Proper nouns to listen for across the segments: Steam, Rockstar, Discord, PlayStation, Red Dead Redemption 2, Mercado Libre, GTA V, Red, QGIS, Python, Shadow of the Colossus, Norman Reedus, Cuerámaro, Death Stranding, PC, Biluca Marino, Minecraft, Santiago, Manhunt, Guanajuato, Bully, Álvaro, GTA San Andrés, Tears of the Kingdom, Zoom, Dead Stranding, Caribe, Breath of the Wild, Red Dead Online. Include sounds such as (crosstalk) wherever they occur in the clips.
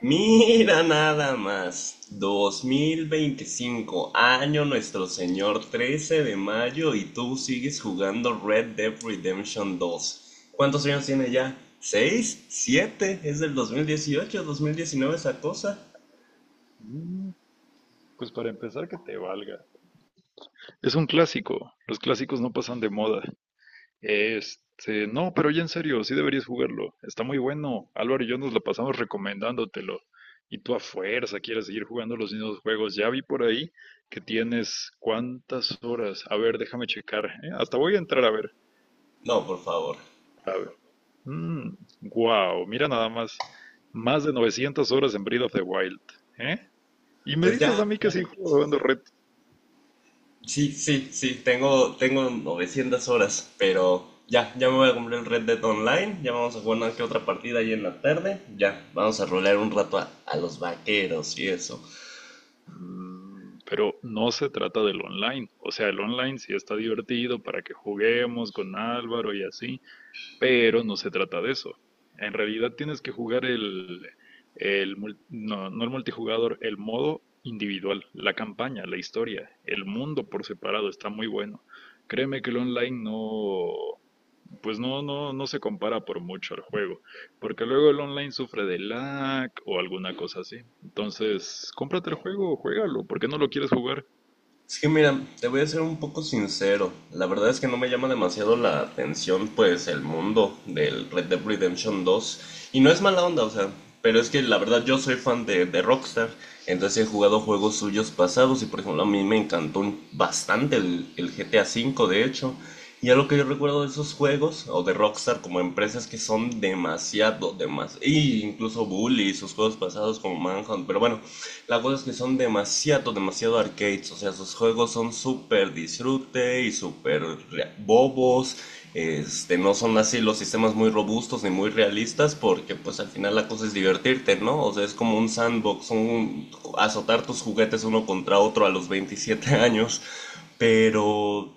Mira nada más, 2025, año Nuestro Señor, 13 de mayo y tú sigues jugando Red Dead Redemption 2. ¿Cuántos años tiene ya? 6, 7. ¿Es del 2018, 2019 esa cosa? Mm, Pues para empezar, que te valga. Es un clásico. Los clásicos no pasan de moda. Este, no, pero ya en serio, sí deberías jugarlo. Está muy bueno. Álvaro y yo nos la pasamos recomendándotelo. Y tú a fuerza quieres seguir jugando los mismos juegos. Ya vi por ahí que tienes cuántas horas. A ver, déjame checar. ¿Eh? Hasta voy a entrar a ver. No, por favor. A ver. Mm, wow, mira nada más. Más de 900 horas en Breath of the Wild. ¿Eh? Y me Pues ya, dices a mí que ya. sí jugando. Sí, sí, sí, tengo 900 horas, pero ya, ya me voy a comprar el Red Dead Online, ya vamos a jugar una que otra partida ahí en la tarde, ya, vamos a rolear un rato a los vaqueros y eso. Pero no se trata del online. O sea, el online sí está divertido para que juguemos con Álvaro y así, pero no se trata de eso. En realidad tienes que jugar el no, no el multijugador, el modo individual, la campaña, la historia, el mundo por separado está muy bueno. Créeme que el online no, pues no, no, no se compara por mucho al juego, porque luego el online sufre de lag o alguna cosa así. Entonces, cómprate el juego, juégalo. ¿Por qué no lo quieres jugar? Es que mira, te voy a ser un poco sincero. La verdad es que no me llama demasiado la atención, pues, el mundo del Red Dead Redemption 2. Y no es mala onda, o sea, pero es que la verdad yo soy fan de Rockstar. Entonces he jugado juegos suyos pasados y, por ejemplo, a mí me encantó bastante el GTA V, de hecho. Y algo que yo recuerdo de esos juegos, o de Rockstar como empresas que son demasiado, demasiado, y incluso Bully, y sus juegos pasados como Manhunt, pero bueno, la cosa es que son demasiado, demasiado arcades. O sea, sus juegos son súper disfrute y súper bobos. Este, no son así los sistemas muy robustos ni muy realistas porque pues al final la cosa es divertirte, ¿no? O sea, es como un sandbox, un, azotar tus juguetes uno contra otro a los 27 (laughs) años. Pero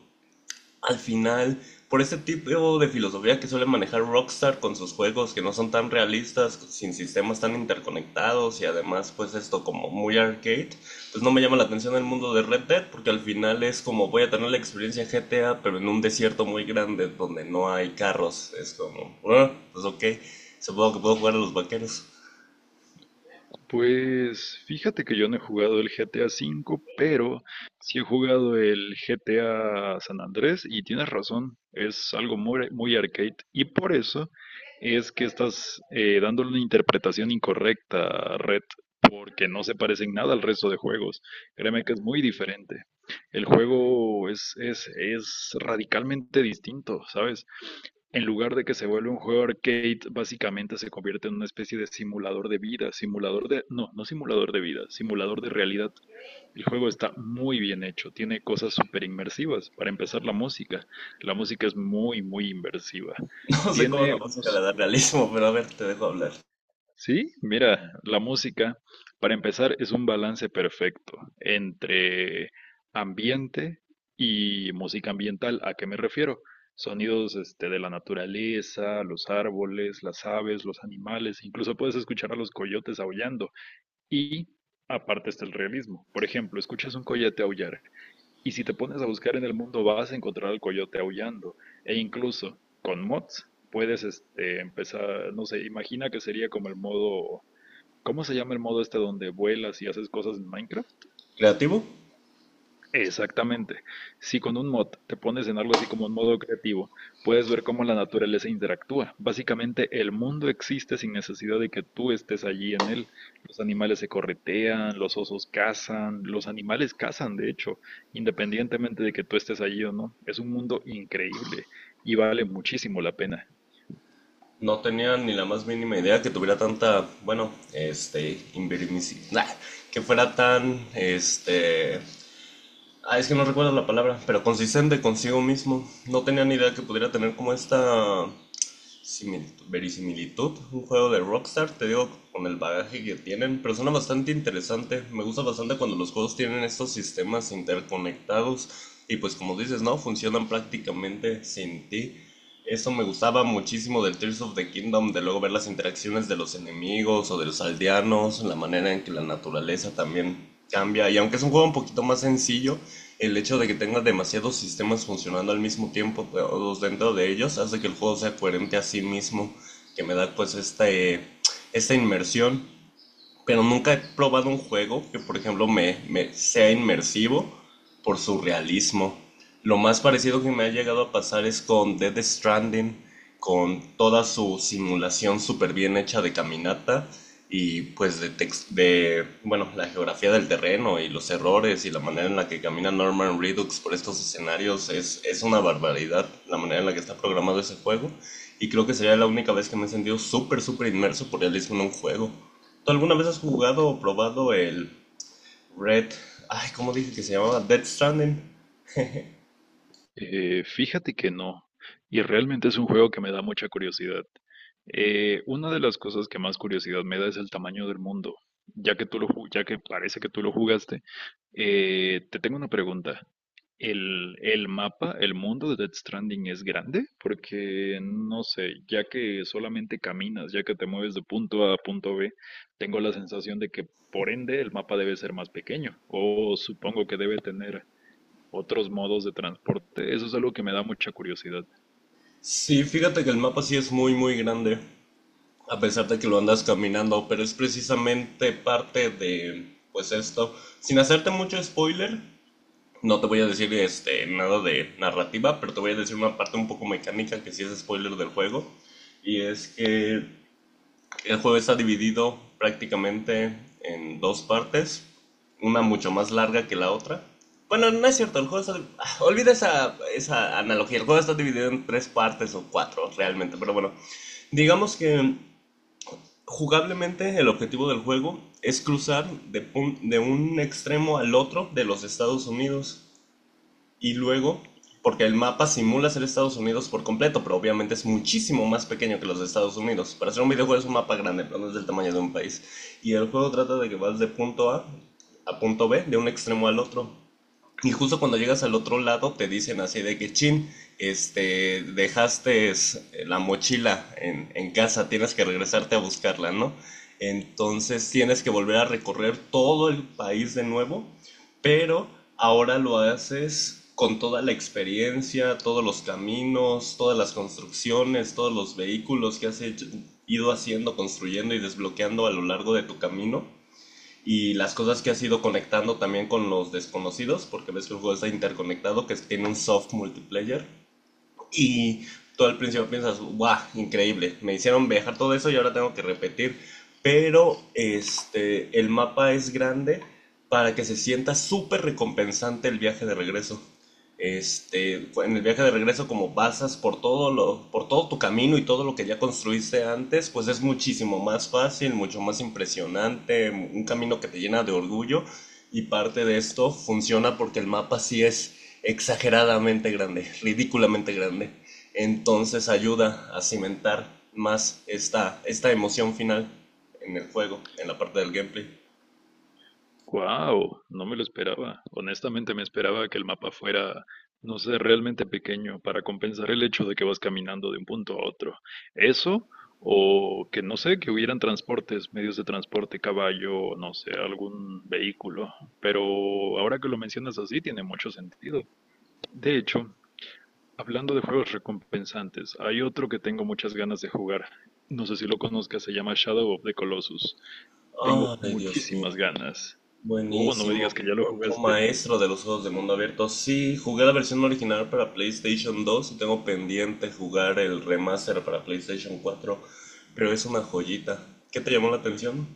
al final, por ese tipo de filosofía que suele manejar Rockstar con sus juegos que no son tan realistas, sin sistemas tan interconectados y además pues esto como muy arcade, pues no me llama la atención el mundo de Red Dead porque al final es como voy a tener la experiencia GTA pero en un desierto muy grande donde no hay carros, es como, bueno, pues ok, supongo que puedo jugar a los vaqueros. Pues fíjate que yo no he jugado el GTA V, pero sí he jugado el GTA San Andrés y tienes razón, es algo muy, muy arcade, y por eso es que estás dándole una interpretación incorrecta a Red, porque no se parecen nada al resto de juegos. Créeme que es muy diferente. El juego es radicalmente distinto, ¿sabes? En lugar de que se vuelva un juego arcade, básicamente se convierte en una especie de simulador de vida, simulador de, no, no simulador de vida, simulador de realidad. El juego está muy bien hecho, tiene cosas súper inmersivas. Para empezar, la música. La música es muy, muy inmersiva. (laughs) No sé cómo Tiene la música le unos, da realismo, pero a ver, te dejo hablar. sí, mira, la música, para empezar, es un balance perfecto entre ambiente y música ambiental. ¿A qué me refiero? Sonidos, este, de la naturaleza, los árboles, las aves, los animales, incluso puedes escuchar a los coyotes aullando. Y aparte está el realismo. Por ejemplo, escuchas un coyote aullar y si te pones a buscar en el mundo vas a encontrar al coyote aullando. E incluso con mods puedes este, empezar, no sé, imagina que sería como el modo. ¿Cómo se llama el modo este donde vuelas y haces cosas en Minecraft? ¿Creativo? Exactamente. Si con un mod te pones en algo así como un modo creativo, puedes ver cómo la naturaleza interactúa. Básicamente, el mundo existe sin necesidad de que tú estés allí en él. Los animales se corretean, los osos cazan, los animales cazan, de hecho, independientemente de que tú estés allí o no. Es un mundo increíble y vale muchísimo la pena. No tenía ni la más mínima idea que tuviera tanta, bueno, este, que fuera tan, este, es que no recuerdo la palabra, pero consistente consigo mismo. No tenía ni idea que pudiera tener como esta similitud, verisimilitud, un juego de Rockstar, te digo, con el bagaje que tienen, pero suena bastante interesante. Me gusta bastante cuando los juegos tienen estos sistemas interconectados y pues como dices, ¿no? Funcionan prácticamente sin ti. Eso me gustaba muchísimo del Tears of the Kingdom, de luego ver las interacciones de los enemigos o de los aldeanos, la manera en que la naturaleza también cambia. Y aunque es un juego un poquito más sencillo, el hecho de que tenga demasiados sistemas funcionando al mismo tiempo, todos dentro de ellos, hace que el juego sea coherente a sí mismo, que me da pues esta, esta inmersión, pero nunca he probado un juego que, por ejemplo, me sea inmersivo por su realismo. Lo más parecido que me ha llegado a pasar es con Dead Stranding, con toda su simulación súper bien hecha de caminata y pues de bueno, la geografía del terreno y los errores y la manera en la que camina Norman Reedus por estos escenarios es una barbaridad la manera en la que está programado ese juego y creo que sería la única vez que me he sentido súper, súper inmerso por realismo en un juego. ¿Tú alguna vez has jugado o probado el Red? Ay, ¿cómo dije que se llamaba? Dead Stranding. Fíjate que no, y realmente es un juego que me da mucha curiosidad. Una de las cosas que más curiosidad me da es el tamaño del mundo. Ya que parece que tú lo jugaste, te tengo una pregunta. ¿El mapa, el mundo de Death Stranding es grande? Porque no sé, ya que solamente caminas, ya que te mueves de punto A a punto B, tengo la sensación de que por ende el mapa debe ser más pequeño, o supongo que debe tener otros modos de transporte. Eso es algo que me da mucha curiosidad. Sí, fíjate que el mapa sí es muy, muy grande, a pesar de que lo andas caminando, pero es precisamente parte de, pues esto. Sin hacerte mucho spoiler, no te voy a decir este, nada de narrativa, pero te voy a decir una parte un poco mecánica que sí es spoiler del juego. Y es que El juego está dividido prácticamente en dos partes, una mucho más larga que la otra. Bueno, no es cierto, el juego está... ah, olvida esa, esa analogía, el juego está dividido en tres partes o cuatro realmente, pero bueno, digamos que jugablemente el objetivo del juego es cruzar de un extremo al otro de los Estados Unidos y luego, porque el mapa simula ser Estados Unidos por completo, pero obviamente es muchísimo más pequeño que los de Estados Unidos. Para hacer un videojuego es un mapa grande, pero no es del tamaño de un país. Y el juego trata de que vas de punto A a punto B, de un extremo al otro. Y justo cuando llegas al otro lado te dicen así de que, chin, este, dejaste la mochila en casa, tienes que regresarte a buscarla, ¿no? Entonces tienes que volver a recorrer todo el país de nuevo, pero ahora lo haces con toda la experiencia, todos los caminos, todas las construcciones, todos los vehículos que ido haciendo, construyendo y desbloqueando a lo largo de tu camino y las cosas que has ido conectando también con los desconocidos, porque ves que el juego está interconectado, que tiene un soft multiplayer. Y tú al principio piensas, guau, increíble, me hicieron viajar todo eso y ahora tengo que repetir. Pero este, el mapa es grande para que se sienta súper recompensante el viaje de regreso. Este, en el viaje de regreso, como pasas por todo lo, por todo tu camino y todo lo que ya construiste antes, pues es muchísimo más fácil, mucho más impresionante, un camino que te llena de orgullo y parte de esto funciona porque el mapa sí es exageradamente grande, ridículamente grande. Entonces ayuda a cimentar más esta emoción final en el juego, en la parte del gameplay. ¡Wow! No me lo esperaba. Honestamente me esperaba que el mapa fuera, no sé, realmente pequeño para compensar el hecho de que vas caminando de un punto a otro. Eso, o que no sé, que hubieran transportes, medios de transporte, caballo, no sé, algún vehículo. Pero ahora que lo mencionas así, tiene mucho sentido. De hecho, hablando de juegos recompensantes, hay otro que tengo muchas ganas de jugar. No sé si lo conozcas, se llama Shadow of the Colossus. Tengo Ay, Dios mío, muchísimas ganas. Oh, no me digas buenísimo. que ya lo Otro jugaste. maestro de los juegos de mundo abierto. Sí, jugué la versión original para PlayStation 2 y tengo pendiente jugar el remaster para PlayStation 4, pero es una joyita. ¿Qué te llamó la atención?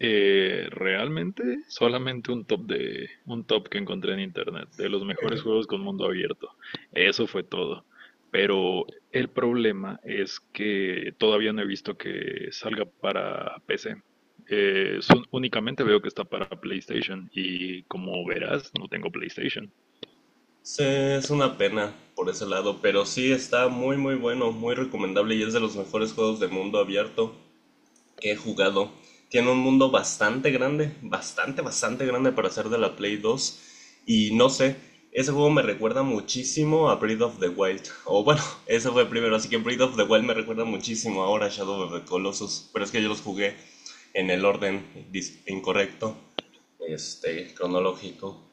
Realmente solamente un top de un top que encontré en internet de los mejores juegos con mundo abierto. Eso fue todo. Pero el problema es que todavía no he visto que salga para PC. Únicamente veo que está para PlayStation y como verás, no tengo PlayStation. Sí, es una pena por ese lado, pero sí está muy muy bueno, muy recomendable y es de los mejores juegos de mundo abierto que he jugado. Tiene un mundo bastante grande, bastante grande para ser de la Play 2 y no sé, ese juego me recuerda muchísimo a Breath of the Wild, o bueno, (laughs) ese fue primero, así que Breath of the Wild me recuerda muchísimo ahora a Shadow of the Colossus, pero es que yo los jugué en el orden incorrecto, este, cronológico.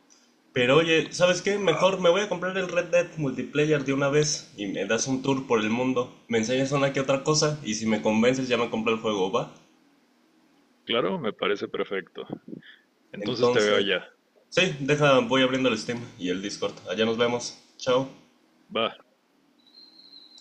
Pero oye, ¿sabes qué? Mejor me voy a comprar el Red Dead Multiplayer de una vez y me das un tour por el mundo. Me enseñas una que otra cosa y si me convences ya me compro el juego, ¿va? Claro, me parece perfecto. Entonces te veo Entonces, allá. sí, deja, voy abriendo el Steam y el Discord. Allá nos vemos. Chao. Va.